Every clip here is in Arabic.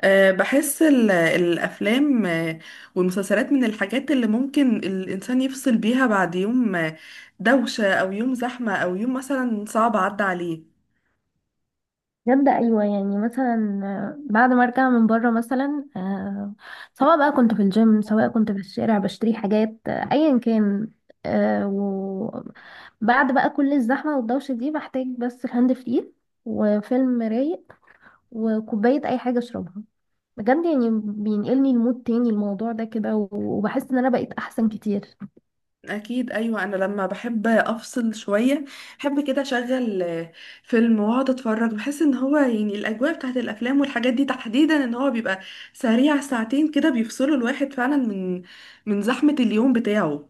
بحس الأفلام، والمسلسلات من الحاجات اللي ممكن الإنسان يفصل بيها بعد يوم، دوشة أو يوم زحمة أو يوم مثلا صعب عدى عليه. جامدة، أيوة، يعني مثلا بعد ما أرجع من بره مثلا، سواء بقى كنت في الجيم، سواء كنت في الشارع بشتري حاجات، أيا كان. وبعد بقى كل الزحمة والدوشة دي بحتاج بس الهاند فري، وفيلم رايق، وكوباية أي حاجة أشربها. بجد يعني بينقلني لمود تاني، الموضوع ده كده و- وبحس إن أنا بقيت أحسن كتير. أكيد، أيوة. أنا لما بحب أفصل شوية بحب كده أشغل فيلم وأقعد أتفرج. بحس إن هو يعني الأجواء بتاعت الأفلام والحاجات دي تحديدا إن هو بيبقى سريع، ساعتين كده بيفصلوا الواحد فعلا من زحمة اليوم بتاعه.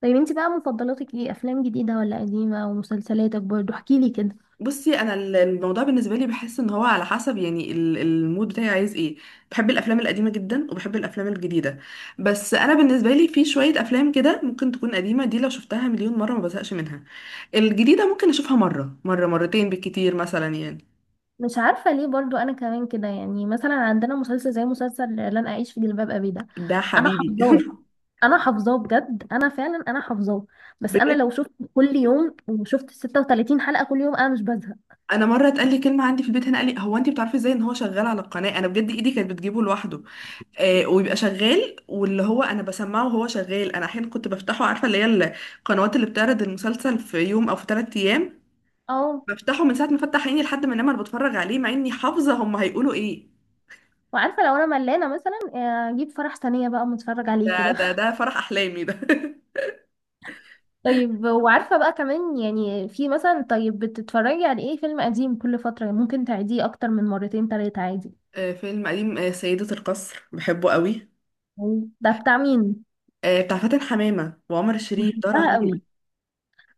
طيب انتي بقى مفضلاتك ايه، أفلام جديدة ولا قديمة؟ ومسلسلاتك برضو احكيلي كده. بصي، انا الموضوع بالنسبه لي بحس ان هو على حسب، يعني المود بتاعي عايز ايه. بحب الافلام القديمه جدا وبحب الافلام الجديده. بس انا بالنسبه لي في شويه افلام كده ممكن تكون قديمه، دي لو شفتها مليون مره ما بزهقش منها. الجديده ممكن اشوفها مره، مره، مرتين بالكتير مثلا يعني. مش عارفة ليه، برضو أنا كمان كده، يعني مثلا عندنا مسلسل زي مسلسل لن أعيش في جلباب أبي ده. ده أنا حبيبي. حافظاه، أنا حافظاه بجد، أنا فعلا أنا حافظاه. بس أنا بجد، لو شفت كل يوم وشفت 36 حلقة كل يوم أنا مش بزهق. انا مره اتقال لي كلمه عندي في البيت هنا، قال لي هو: انت بتعرفي ازاي ان هو شغال على القناه؟ انا بجد ايدي كانت بتجيبه لوحده، ويبقى شغال. واللي هو انا بسمعه وهو شغال، انا احيانا كنت بفتحه، عارفه اللي هي القنوات اللي بتعرض المسلسل في يوم او في 3 ايام. اه، بفتحه من ساعه ما فتح عيني لحد ما انام، انا بتفرج عليه مع اني حافظه هم هيقولوا ايه. وعارفة لو أنا ملانة مثلا، أجيب فرح ثانية بقى متفرج عليه ده كده. ده ده فرح احلامي ده. طيب، وعارفة بقى كمان، يعني في مثلا، طيب بتتفرجي على إيه؟ فيلم قديم كل فترة ممكن تعيديه أكتر من مرتين تلاتة عادي؟ فيلم قديم، سيدة القصر بحبه قوي. ده بتاع مين؟ آه، بتاع فاتن حمامة وعمر الشريف، ده بحبها قوي. رهيب.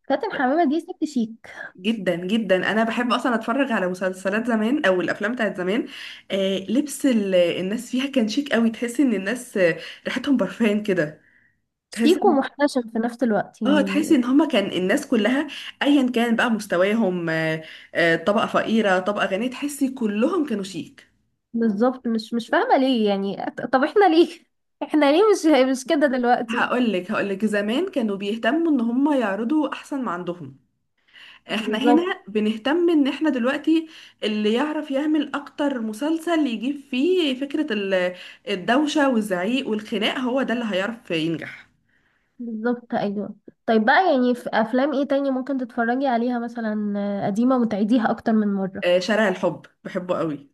فاتن حمامة دي ست شيك، جدا جدا، انا بحب اصلا اتفرج على مسلسلات زمان او الافلام بتاعت زمان. آه، لبس الناس فيها كان شيك قوي. تحس ان الناس ريحتهم برفان كده. تحس سيكو إن- محتشم في نفس الوقت اه تحس يعني. ان هما كان الناس كلها، ايا كان بقى مستواهم، طبقة فقيرة، طبقة غنية، تحسي كلهم كانوا شيك. بالظبط، مش فاهمة ليه، يعني طب احنا ليه احنا ليه مش كده دلوقتي. هقولك زمان كانوا بيهتموا ان هما يعرضوا احسن ما عندهم. احنا بالظبط. هنا بنهتم ان احنا دلوقتي اللي يعرف يعمل اكتر مسلسل يجيب فيه فكرة الدوشة والزعيق والخناق هو ده اللي هيعرف ينجح. بالظبط ايوه. طيب بقى، يعني في افلام ايه تاني ممكن تتفرجي عليها مثلا، قديمة وتعيديها اكتر من مرة؟ آه، شارع الحب بحبه قوي.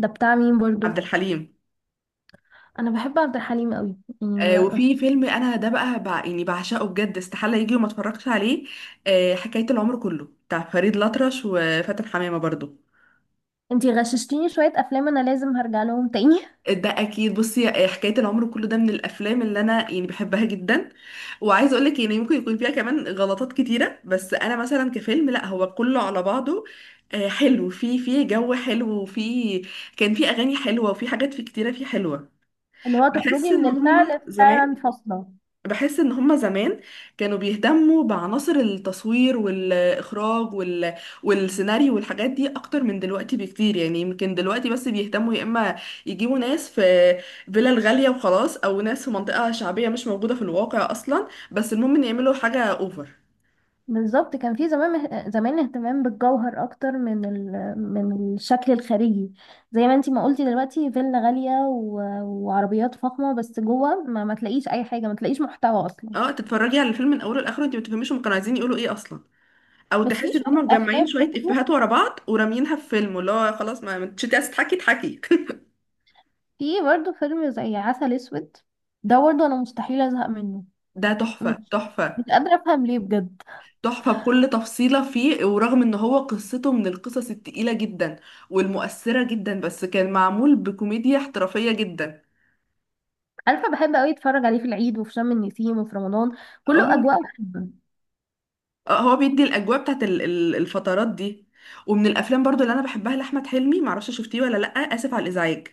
ده بتاع مين عبد برضو؟ الحليم. انا بحب عبد الحليم قوي. يعني وفي فيلم انا ده بقى يعني بعشقه، بجد استحالة يجي وما اتفرجش عليه. حكاية العمر كله بتاع فريد الأطرش وفاتن حمامة برضو. انتي غششتيني شوية افلام، انا لازم هرجع لهم تاني ده اكيد. بصي، حكايه العمر كله ده من الافلام اللي انا يعني بحبها جدا. وعايزه اقول لك يعني ممكن يكون فيها كمان غلطات كتيره، بس انا مثلا كفيلم لا، هو كله على بعضه حلو. في جو حلو كان في اغاني حلوه، وفي حاجات كتيره فيه حلوه. اللي هو بحس تخرجي ان من هم الفعل زمان- فعلا فاصلة. بحس ان هما زمان كانوا بيهتموا بعناصر التصوير والاخراج والسيناريو والحاجات دي اكتر من دلوقتي بكتير. يعني يمكن دلوقتي بس بيهتموا يا اما يجيبوا ناس في فيلل غالية وخلاص، او ناس في منطقة شعبية مش موجودة في الواقع اصلا، بس المهم ان يعملوا حاجة اوفر. بالظبط، كان في زمان زمان اهتمام بالجوهر اكتر من من الشكل الخارجي، زي ما انتي ما قلتي دلوقتي، فيلا غالية وعربيات فخمة، بس جوه ما تلاقيش اي حاجة، ما تلاقيش محتوى اصلا. اه، تتفرجي على الفيلم من اوله لاخره انت ما تفهميش هم كانوا عايزين يقولوا ايه اصلا. او بس في تحسي ان شوية هم مجمعين افلام شوية برضه، افيهات ورا بعض وراميينها في فيلم، اللي هو خلاص، ما انتش عايزة تضحكي اضحكي. في برضه فيلم زي عسل اسود، ده برضه انا مستحيل ازهق منه. ده تحفة، مش تحفة، مش قادرة افهم ليه بجد. تحفة بكل تفصيلة فيه. ورغم ان هو قصته من القصص التقيلة جدا والمؤثرة جدا، بس كان معمول بكوميديا احترافية جدا. عارفة، بحب قوي اتفرج عليه في العيد وفي شم النسيم وفي رمضان، كله اه. اجواء بحبها. هو بيدي الاجواء بتاعت الفترات دي. ومن الافلام برضو اللي انا بحبها لاحمد حلمي، معرفش شفتيه ولا لا، اسف على الازعاج.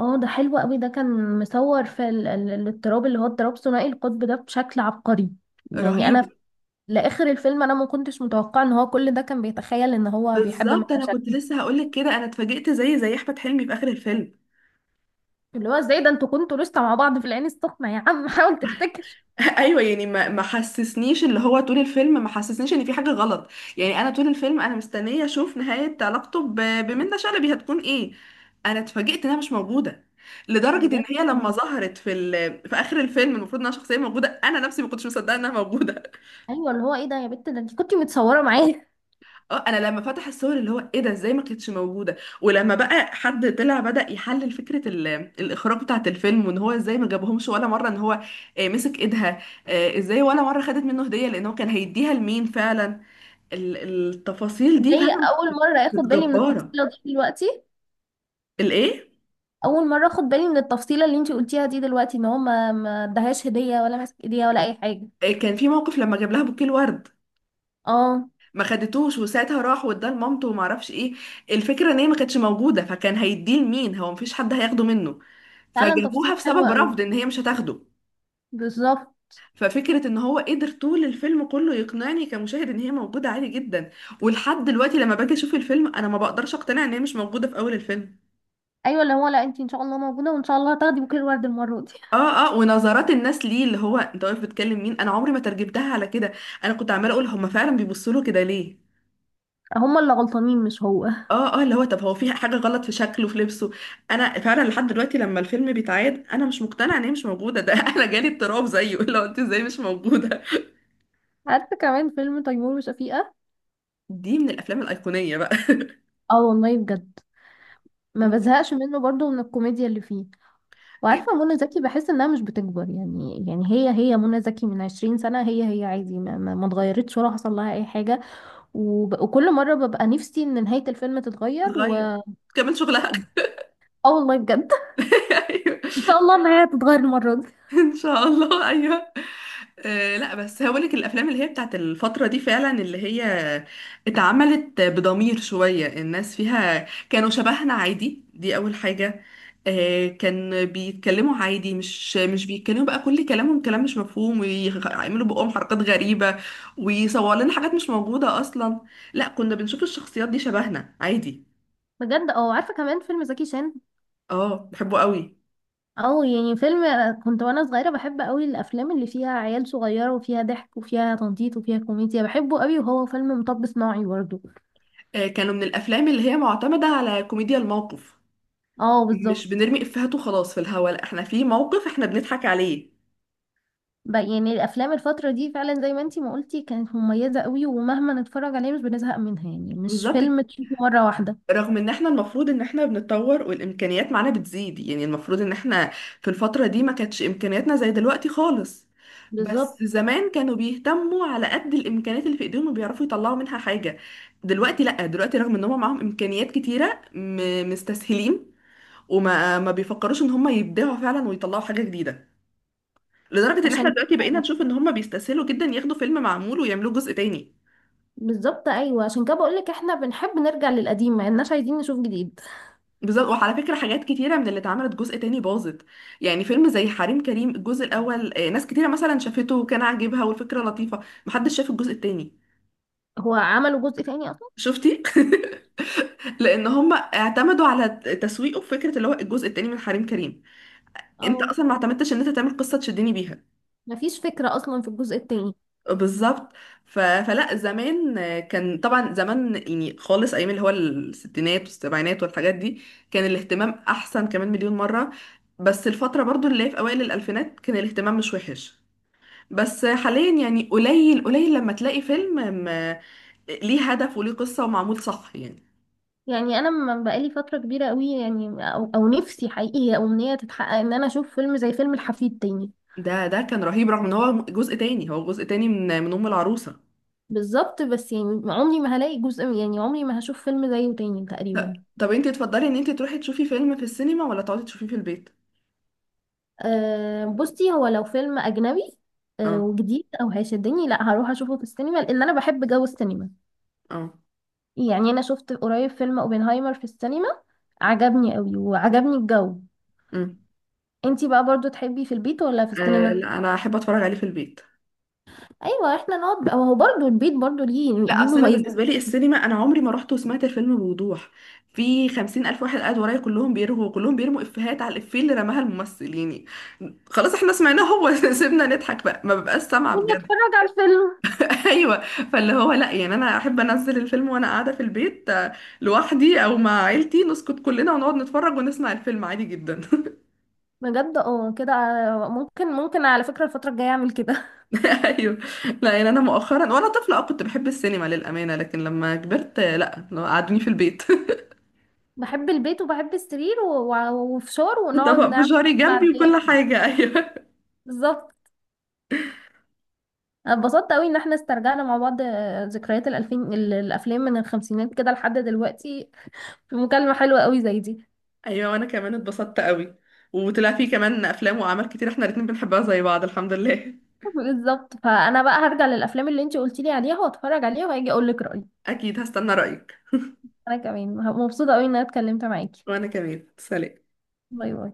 اه، ده حلو قوي، ده كان مصور في الاضطراب، اللي هو اضطراب ثنائي القطب ده، بشكل عبقري. يعني رهيب. انا لاخر الفيلم انا ما كنتش متوقعه ان هو كل ده كان بيتخيل ان هو بيحب منة بالظبط، انا كنت شلبي. لسه هقولك كده، انا اتفاجئت زي احمد حلمي في اخر الفيلم. اللي هو ازاي ده، انتوا كنتوا لسه مع بعض في العين السخنه يا عم حاول تفتكر. ايوه يعني ما حسسنيش اللي هو طول الفيلم ما حسسنيش ان في حاجه غلط. يعني انا طول الفيلم انا مستنيه اشوف نهايه علاقته بمنة شلبي هتكون ايه. انا اتفاجئت انها مش موجوده. لدرجه ان بجد هي لما اه. ظهرت في في اخر الفيلم المفروض انها شخصيه موجوده، انا نفسي ما كنتش مصدقه انها موجوده. ايوه، اللي هو ايه ده يا بت؟ ده انت كنتي متصوره معايا. اه، انا لما فتح الصور اللي هو ايه ده، ازاي ما كانتش موجوده؟ ولما بقى حد طلع بدأ يحلل فكره الاخراج بتاعت الفيلم، وان هو ازاي ما جابهمش ولا مره ان هو مسك ايدها، ازاي ولا مره خدت منه هديه؟ لان هو كان هيديها لمين فعلا؟ ال- التفاصيل دي زي فعلا اول مره اخد كانت بالي من جباره. التفصيله دي دلوقتي. الايه؟ اول مره اخد بالي من التفصيله اللي انت قلتيها دي دلوقتي، ان هو ما ادهاش هديه، ولا ماسك ايديها، ولا اي حاجه. آه، كان في موقف لما جاب لها بوكيه الورد اه، ما خدتوش، وساعتها راح واداه لمامته وما اعرفش ايه. الفكره ان هي ما كانتش موجوده، فكان هيديه لمين؟ هو مفيش حد هياخده منه، فعلا فجابوها تفصيل حلو بسبب قوي. رفض ان هي مش هتاخده. بالظبط. ففكرة ان هو قدر طول الفيلم كله يقنعني كمشاهد ان هي موجودة عادي جدا، ولحد دلوقتي لما باجي اشوف الفيلم انا ما بقدرش اقتنع ان هي مش موجودة في اول الفيلم. ايوه اللي هو، لا انت ان شاء الله موجوده، وان شاء الله هتاخدي بوكيه الورد المره دي. اه، اه، ونظرات الناس ليه اللي هو انت واقف بتكلم مين، انا عمري ما ترجمتها على كده. انا كنت عمالة اقول هما فعلا بيبصوا له كده ليه؟ هما اللي غلطانين مش هو. اه، اه، اللي هو طب هو في حاجة غلط في شكله، في لبسه؟ انا فعلا لحد دلوقتي لما الفيلم بيتعاد انا مش مقتنعة ان هي مش موجودة ده. انا جالي اضطراب زيه، اللي هو انت ازاي مش موجودة؟ عارفه كمان فيلم تيمور وشفيقه. دي من الافلام الايقونية بقى. اه والله بجد، ما من- بزهقش منه برضو من الكوميديا اللي فيه. وعارفه منى زكي بحس انها مش بتكبر، يعني هي منى زكي من 20 سنه، هي عادي، ما اتغيرتش ولا حصل لها اي حاجه. وكل مره ببقى نفسي ان نهايه الفيلم تتغير، و بتتغير كمان شغلها. والله بجد ايوه. ان شاء الله النهايه تتغير المره دي. ان شاء الله، ايوه. لا، بس هقول لك، الافلام اللي هي بتاعت الفتره دي فعلا اللي هي اتعملت بضمير شويه، الناس فيها كانوا شبهنا عادي، دي اول حاجه. آه، كان بيتكلموا عادي، مش بيتكلموا بقى كل كلامهم كلام مش مفهوم، ويعملوا بقهم حركات غريبه، ويصوروا لنا حاجات مش موجوده اصلا. لا، كنا بنشوف الشخصيات دي شبهنا عادي. بجد اه، عارفه كمان فيلم زكي شان. اه بحبه قوي. او يعني فيلم، كنت وانا صغيره بحب قوي الافلام اللي فيها عيال صغيره وفيها ضحك وفيها تنطيط وفيها كوميديا، بحبه قوي، وهو فيلم مطب صناعي برضه. آه، كانوا من الافلام اللي هي معتمده على كوميديا الموقف. اه مش بالظبط. بنرمي افيهات وخلاص في الهوا، لا، احنا في موقف احنا بنضحك عليه. يعني الافلام الفتره دي فعلا زي ما انتي ما قلتي كانت مميزه قوي، ومهما نتفرج عليه مش بنزهق منها، يعني مش بالظبط كده. فيلم تشوفه مره واحده. رغم ان احنا المفروض ان احنا بنتطور والامكانيات معانا بتزيد، يعني المفروض ان احنا في الفترة دي ما كانتش امكانياتنا زي دلوقتي خالص. بالظبط. بس زمان كانوا بيهتموا على قد الامكانيات اللي في ايديهم وبيعرفوا يطلعوا منها حاجة. دلوقتي لا، دلوقتي رغم ان هم معاهم امكانيات كتيرة مستسهلين، وما ما بيفكروش ان هم يبدعوا فعلا ويطلعوا حاجة جديدة. لدرجة ان احنا عشان كده دلوقتي بقينا نشوف ان هم بيستسهلوا جدا، ياخدوا فيلم معمول ويعملوه جزء تاني. بالظبط ايوه، عشان كده بقول لك احنا بنحب نرجع للقديم، ما اناش عايزين نشوف جديد. بالظبط. وعلى فكرة حاجات كتيرة من اللي اتعملت جزء تاني باظت. يعني فيلم زي حريم كريم الجزء الأول، آه، ناس كتيرة مثلا شافته وكان عاجبها والفكرة لطيفة، محدش شاف الجزء التاني. هو عملوا جزء تاني اصلا؟ شفتي؟ لأن هم اعتمدوا على تسويقه في فكرة اللي هو الجزء التاني من حريم كريم. انت اه، أصلا ما اعتمدتش ان انت تعمل قصة تشدني بيها. مفيش فكره اصلا في الجزء التاني. بالظبط. فلا، زمان كان طبعا، زمان يعني خالص ايام اللي هو الستينات والسبعينات والحاجات دي، كان الاهتمام احسن كمان مليون مرة. بس الفترة برضو اللي هي في اوائل الالفينات كان الاهتمام مش وحش. بس حاليا يعني قليل قليل لما تلاقي فيلم م... ليه هدف وليه قصة ومعمول صح يعني. يعني انا من بقالي فتره كبيره قوي يعني، أو نفسي حقيقي هي امنيه تتحقق، ان انا اشوف فيلم زي فيلم الحفيد تاني. ده كان رهيب. رغم ان هو جزء تاني، هو جزء تاني من ام العروسة. بالظبط، بس يعني عمري ما هلاقي جزء، يعني عمري ما هشوف فيلم زيه تاني ط- تقريبا. طب انتي تفضلي ان انتي تروحي تشوفي فيلم في السينما ولا تقعدي تشوفيه في البيت؟ أه بصي، هو لو فيلم اجنبي اه. وجديد او هيشدني، لا هروح اشوفه في السينما، لان انا بحب جو السينما. اه. يعني انا شفت قريب فيلم اوبنهايمر في السينما، عجبني قوي وعجبني الجو. امم. انتي بقى برضو تحبي في البيت ولا في السينما؟ لا، انا احب اتفرج عليه في البيت. ايوه احنا نقعد بقى- هو برضو البيت برضو ليه لا، ليه اصل انا مميزات. بالنسبه لي السينما انا عمري ما رحت وسمعت الفيلم بوضوح. في 50,000 واحد قاعد ورايا كلهم بيرهوا كلهم بيرموا افيهات على الافيه اللي رماها الممثل. يعني خلاص احنا سمعناه هو. سيبنا نضحك بقى، ما ببقاش سامعه بجد. اتفرج على الفيلم. ايوه. فاللي هو لا، يعني انا احب انزل الفيلم وانا قاعده في البيت، آه، لوحدي او مع عيلتي، نسكت كلنا ونقعد نتفرج ونسمع الفيلم عادي جدا. بجد اه كده، ممكن على فكرة الفترة الجاية اعمل كده. ايوه. لا يعني انا مؤخرا وانا طفله اه كنت بحب السينما للامانه، لكن لما كبرت، آه، لا قعدوني في البيت. بحب البيت وبحب السرير و- و- وفشار، ونقعد وطبق نعمل فشاري كده مع جنبي الضيق. وكل حاجة. أيوة. بالظبط. أنا اتبسطت قوي ان احنا استرجعنا مع بعض، ذكريات الالفين، الافلام من الخمسينات كده لحد دلوقتي. في مكالمة حلوة قوي زي دي. أيوة، وأنا كمان اتبسطت قوي. وطلع فيه كمان أفلام وأعمال كتير احنا الاتنين بنحبها زي بعض، الحمد لله. بالظبط، فانا بقى هرجع للافلام اللي انتي قلتي لي عليها واتفرج عليها، وهاجي اقول لك رأيي. أكيد، هستنى رأيك. انا كمان مبسوطة قوي ان انا اتكلمت معاكي. وأنا كمان، سلام. باي باي.